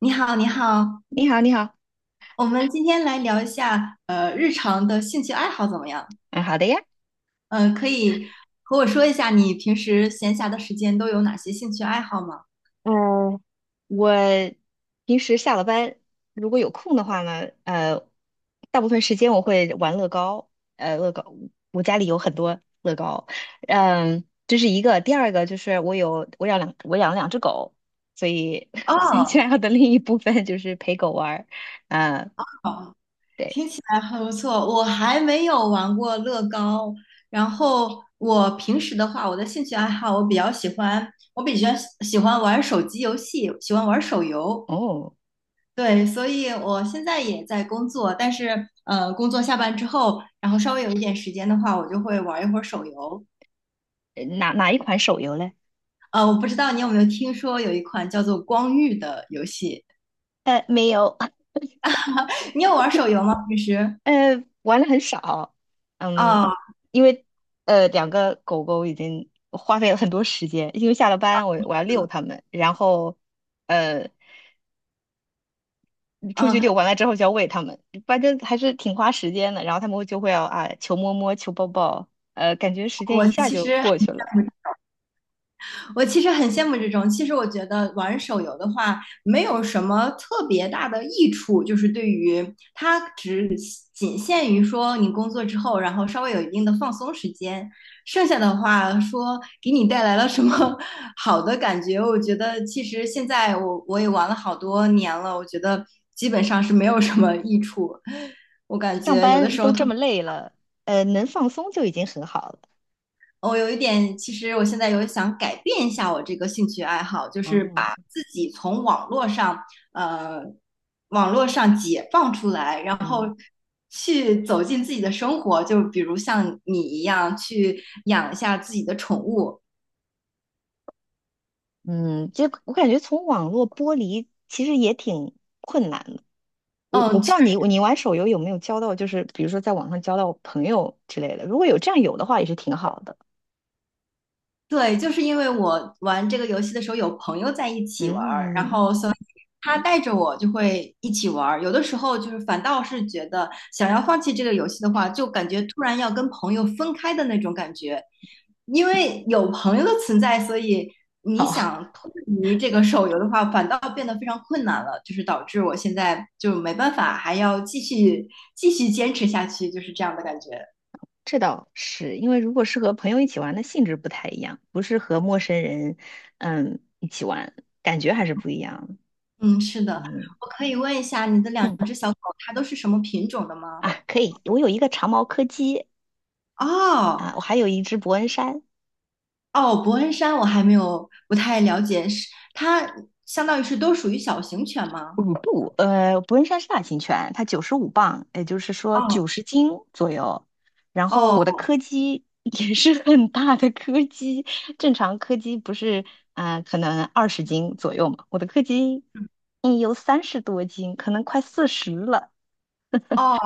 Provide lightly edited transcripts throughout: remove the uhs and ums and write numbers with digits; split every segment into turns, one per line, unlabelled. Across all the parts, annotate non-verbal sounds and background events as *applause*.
你好，你好，
你好，你好。
我们今天来聊一下日常的兴趣爱好怎么样？
嗯，好的呀。
嗯、可以和我说一下你平时闲暇的时间都有哪些兴趣爱好吗？
嗯，我平时下了班如果有空的话呢，大部分时间我会玩乐高。呃，乐高，我家里有很多乐高。这是一个，第二个就是我养了2只狗，所以 *laughs* 兴趣爱
哦，
好的另一部分就是陪狗玩儿。啊，
好，
对。
听起来很不错。我还没有玩过乐高，然后我平时的话，我的兴趣爱好我比较喜欢，我比较喜欢玩手机游戏，喜欢玩手游。
哦。
对，所以我现在也在工作，但是工作下班之后，然后稍微有一点时间的话，我就会玩一会儿手游。
哪一款手游嘞？
我不知道你有没有听说有一款叫做《光遇》的游戏，
没有。
你有玩手游吗？平时？
玩的很少。嗯，
啊
因为2个狗狗已经花费了很多时间，因为下了班我要遛它们，然后呃出去
啊，
遛完了之后就要喂它们。反正还是挺花时间的。然后它们就会要啊求摸摸求抱抱。感觉时间
我
一下
其
就
实还
过去了。
我其实很羡慕这种。其实我觉得玩手游的话，没有什么特别大的益处，就是对于它仅限于说你工作之后，然后稍微有一定的放松时间，剩下的话说给你带来了什么 *laughs* 好的感觉，我觉得其实现在我也玩了好多年了，我觉得基本上是没有什么益处。我感
上
觉有的
班
时候
都
特
这么
别
累了，能放松就已经很好了。
我有一点，其实我现在有想改变一下我这个兴趣爱好，就是把
啊。
自己从网络上，呃，网络上解放出来，然后
嗯。
去走进自己的生活。就比如像你一样，去养一下自己的宠物，
嗯，就我感觉从网络剥离其实也挺困难的。我不
嗯，
知道你玩手游有没有交到，就是比如说在网上交到朋友之类的。如果有这样有的话，也是挺好的。
对，就是因为我玩这个游戏的时候有朋友在一起玩儿，然
嗯。
后所以他带着我就会一起玩儿。有的时候就是反倒是觉得想要放弃这个游戏的话，就感觉突然要跟朋友分开的那种感觉，因为有朋友的存在，所以你
哦。*laughs*
想脱离这个手游的话，反倒变得非常困难了，就是导致我现在就没办法，还要继续坚持下去，就是这样的感觉。
这倒是，因为如果是和朋友一起玩的性质不太一样，不是和陌生人一起玩，感觉还是不一样的。
嗯，是的，
嗯
我可以问一下，你的两
嗯。
只小狗它都是什么品种的
啊，
吗？
可以，我有一个长毛柯基。
哦
啊，我还有一只伯恩山。
哦，伯恩山我还没有不太了解，是它相当于是都属于小型犬吗？
五步，伯恩山是大型犬，它95磅，也就是说九
哦
十斤左右。然后我的
哦
柯基也是 *laughs* 很大的柯基。正常柯基不是可能20斤左右嘛，我的柯基有30多斤，可能快40了。
哦，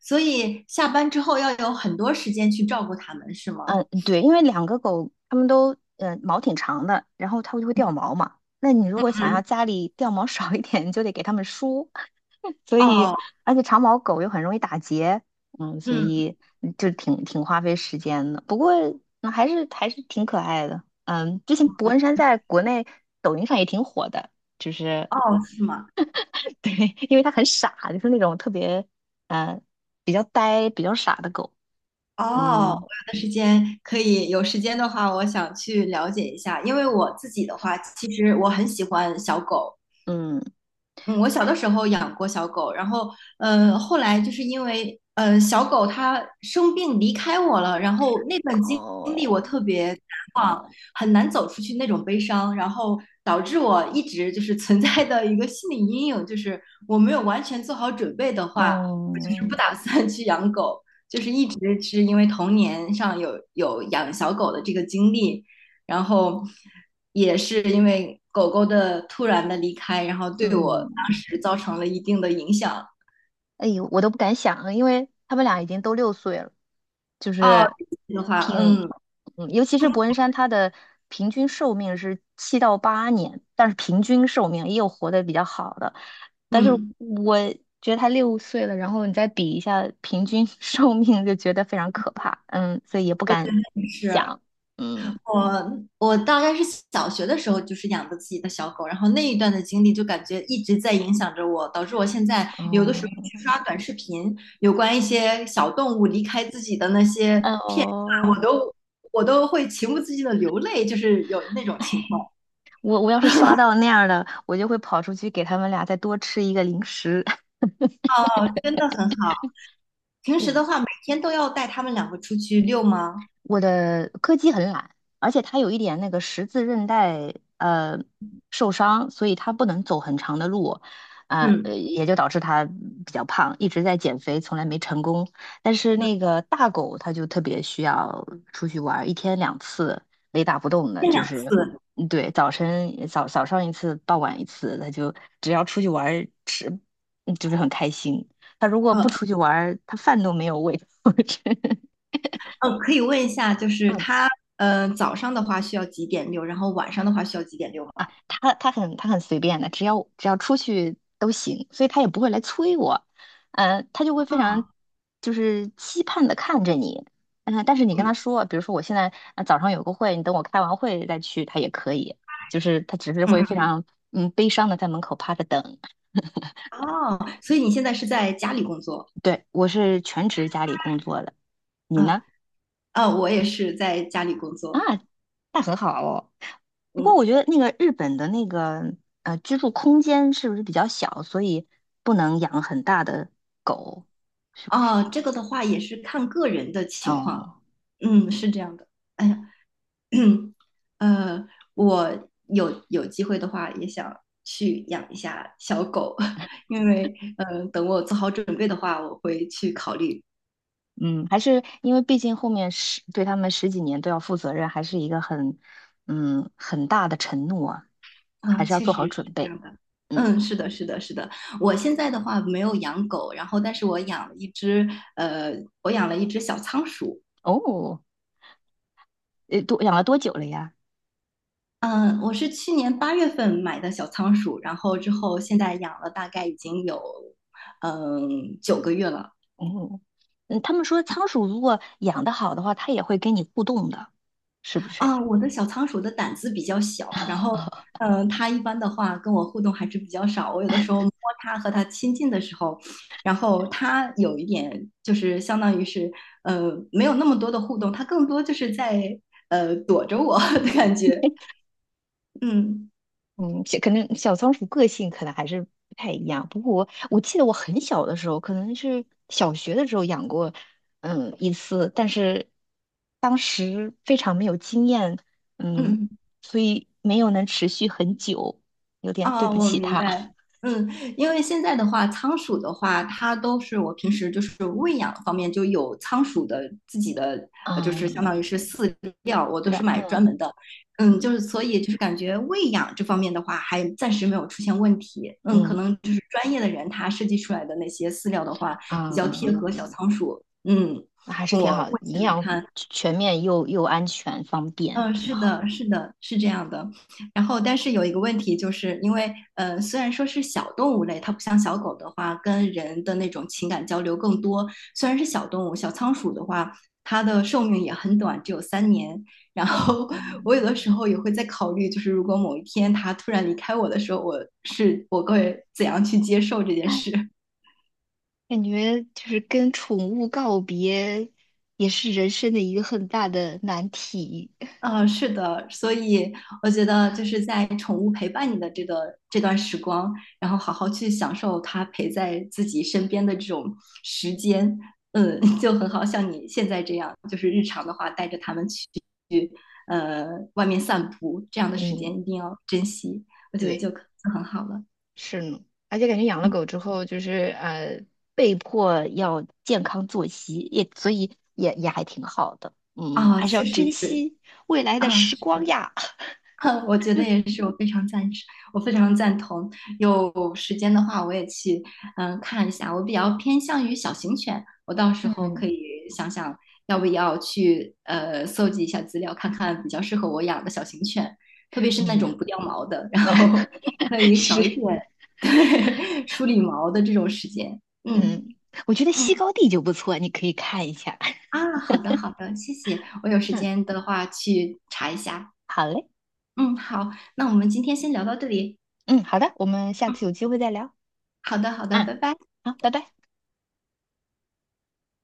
所以下班之后要有很多时间去照顾它们，是吗？
嗯，对，因为两个狗它们都毛挺长的，然后它们就会掉毛嘛。那你如果想要
嗯，
家里掉毛少一点，你就得给它们梳。所以
哦，
而且长毛狗又很容易打结。嗯，所
嗯，
以就挺花费时间的。不过还是挺可爱的。嗯，之前博恩山在国内抖音上也挺火的，就是
哦，是吗？
*laughs* 对。因为它很傻，就是那种特别嗯比较呆、比较傻的狗。
哦，我
嗯
有的时间可以，有时间的话，我想去了解一下，因为我自己的话，其实我很喜欢小狗，
嗯。
嗯，我小的时候养过小狗，然后，后来就是因为，小狗它生病离开我了，然后那段经历我
哦。
特别很难走出去那种悲伤，然后导致我一直就是存在的一个心理阴影，就是我没有完全做好准备的话，我就是不
嗯
打算去养狗，就是一直是因为童年上有养小狗的这个经历，然后也是因为狗狗的突然的离开，然后对我
嗯。
当时造成了一定的影响。
哎呦，我都不敢想啊，因为他们俩已经都六岁了。就
哦，
是
这个的话，
挺，
嗯
嗯，尤其是伯恩山，他的平均寿命是7到8年，但是平均寿命也有活得比较好的。但是
嗯，
我觉得他六岁了，然后你再比一下平均 *laughs* 寿命，就觉得非常可怕。嗯，所以也不
我
敢
也是。
想。嗯。
我我大概是小学的时候就是养的自己的小狗，然后那一段的经历就感觉一直在影响着我，导致我现在有的时候
哦。
去刷短视频，有关一些小动物离开自己的那些
嗯
片段，
哦。
我都会情不自禁的流泪，就是有那种
哎。
情况，
我要是刷到那样的，我就会跑出去给他们俩再多吃一个零食。*laughs*
真的很好。平时的
嗯。
话，每天都要带他们两个出去遛吗？
我的柯基很懒，而且它有一点那个十字韧带受伤，所以它不能走很长的路。
嗯
也就导致它比较胖，一直在减肥，从来没成功。但是
嗯，
那个大狗它就特别需要出去玩儿，一天2次，雷打不动的。
一天
就
两
是
次。
对。早晨早早上一次，傍晚一次。它就只要出去玩儿吃，就是很开心。它如果
嗯
不出去玩儿，它饭都没有喂。*laughs* 我真。
嗯，可以问一下，就是他早上的话需要几点遛，然后晚上的话需要几点遛吗？
啊，他很随便的，只要出去都行，所以他也不会来催我。他就会非常就是期盼的看着你。但是你跟他说，比如说我现在早上有个会，你等我开完会再去，他也可以。就是他只是
嗯
会
嗯
非
嗯。
常悲伤的在门口趴着等。
哦，所以你现在是在家里工作
对，我是全职家里工作的。你
啊？
呢？
啊，我也是在家里工作。
那很好哦。不过
嗯，
我觉得那个日本的那个居住空间是不是比较小，所以不能养很大的狗，是不是？
啊，这个的话也是看个人的情况。
哦。
嗯，是这样的。哎呀，*clears throat* 呃，我有机会的话也想去养一下小狗，*laughs* 因为等我做好准备的话，我会去考虑。
嗯，还是因为毕竟后面对他们10几年都要负责任，还是一个很很大的承诺啊。还
啊，
是要
确实
做好准
是这
备。
样的。
嗯。
嗯，是的，是的，是的。我现在的话没有养狗，然后但是我养了一只，呃，我养了一只小仓鼠。
哦。多养了多久了呀？
嗯，我是去年八月份买的小仓鼠，然后之后现在养了大概已经有9个月了。
哦。嗯，他们说仓鼠如果养得好的话，它也会跟你互动的，是不是呀？
啊，我的小仓鼠的胆子比较小，然后
*laughs*
嗯，它一般的话跟我互动还是比较少。我有的时候摸它和它亲近的时候，然后它有一点就是相当于是没有那么多的互动，它更多就是在躲着我 *laughs* 的感觉。嗯
嗯，可能小仓鼠个性可能还是不太一样。不过我记得我很小的时候，可能是小学的时候养过。嗯，一次，但是当时非常没有经验。嗯。
嗯。
所以没有能持续很久，有点对
啊，
不
我
起
明
它。*laughs*
白。嗯，因为现在的话，仓鼠的话，它都是我平时就是喂养方面就有仓鼠的自己的，就是相当
嗯。
于是饲料，我
对
都是
的。
买
嗯
专门的。嗯，就
嗯
是所以就是感觉喂养这方面的话，还暂时没有出现问题。嗯，可
嗯
能就是专业的人他设计出来的那些饲料的话，
嗯
比较
嗯
贴
嗯。
合小仓鼠。嗯，
那还是
我
挺好的，
目
营
前来
养
看。
全面又安全方便，
嗯，
挺
是
好。
的，是的，是这样的。然后，但是有一个问题，就是因为虽然说是小动物类，它不像小狗的话，跟人的那种情感交流更多。虽然是小动物，小仓鼠的话，它的寿命也很短，只有3年。然
嗯
后，*laughs* 我有
嗯。
的时候也会在考虑，就是如果某一天它突然离开我的时候，我会怎样去接受这件
哎，
事？
感觉就是跟宠物告别，也是人生的一个很大的难题。
嗯，是的，所以我觉得就是在宠物陪伴你的这个这段时光，然后好好去享受它陪在自己身边的这种时间，嗯，*laughs* 就很好，像你现在这样，就是日常的话带着它们去呃外面散步，这样的时间一
嗯，
定要珍惜，我觉得
对。
就很好了
是呢。而且感觉养了狗之后，就是呃，被迫要健康作息，所以也还挺好的。嗯，
啊，
还是要
确实
珍
是
惜未来的
啊，
时
是
光
的。*laughs*
呀。
哼，我觉得也是，我非常赞成，我非常赞同。有时间的话，我也去看一下。我比较偏向于小型犬，我到时候可
嗯。
以想想要不要去搜集一下资料，看看比较适合我养的小型犬，特别是那
嗯。
种不掉毛的，然后 *laughs* 可
*laughs*
以
是。
少一点 *laughs* 对梳理毛的这种时间。嗯
嗯。我觉得西
嗯
高地就不错，你可以看一下。*laughs*
啊，好的好的，谢谢。我有时
嗯。
间的话去查一下。
好嘞。
嗯，好，那我们今天先聊到这里。
嗯，好的，我们下次有机会再聊。
好的，好的，
嗯，
拜拜。
好，拜拜。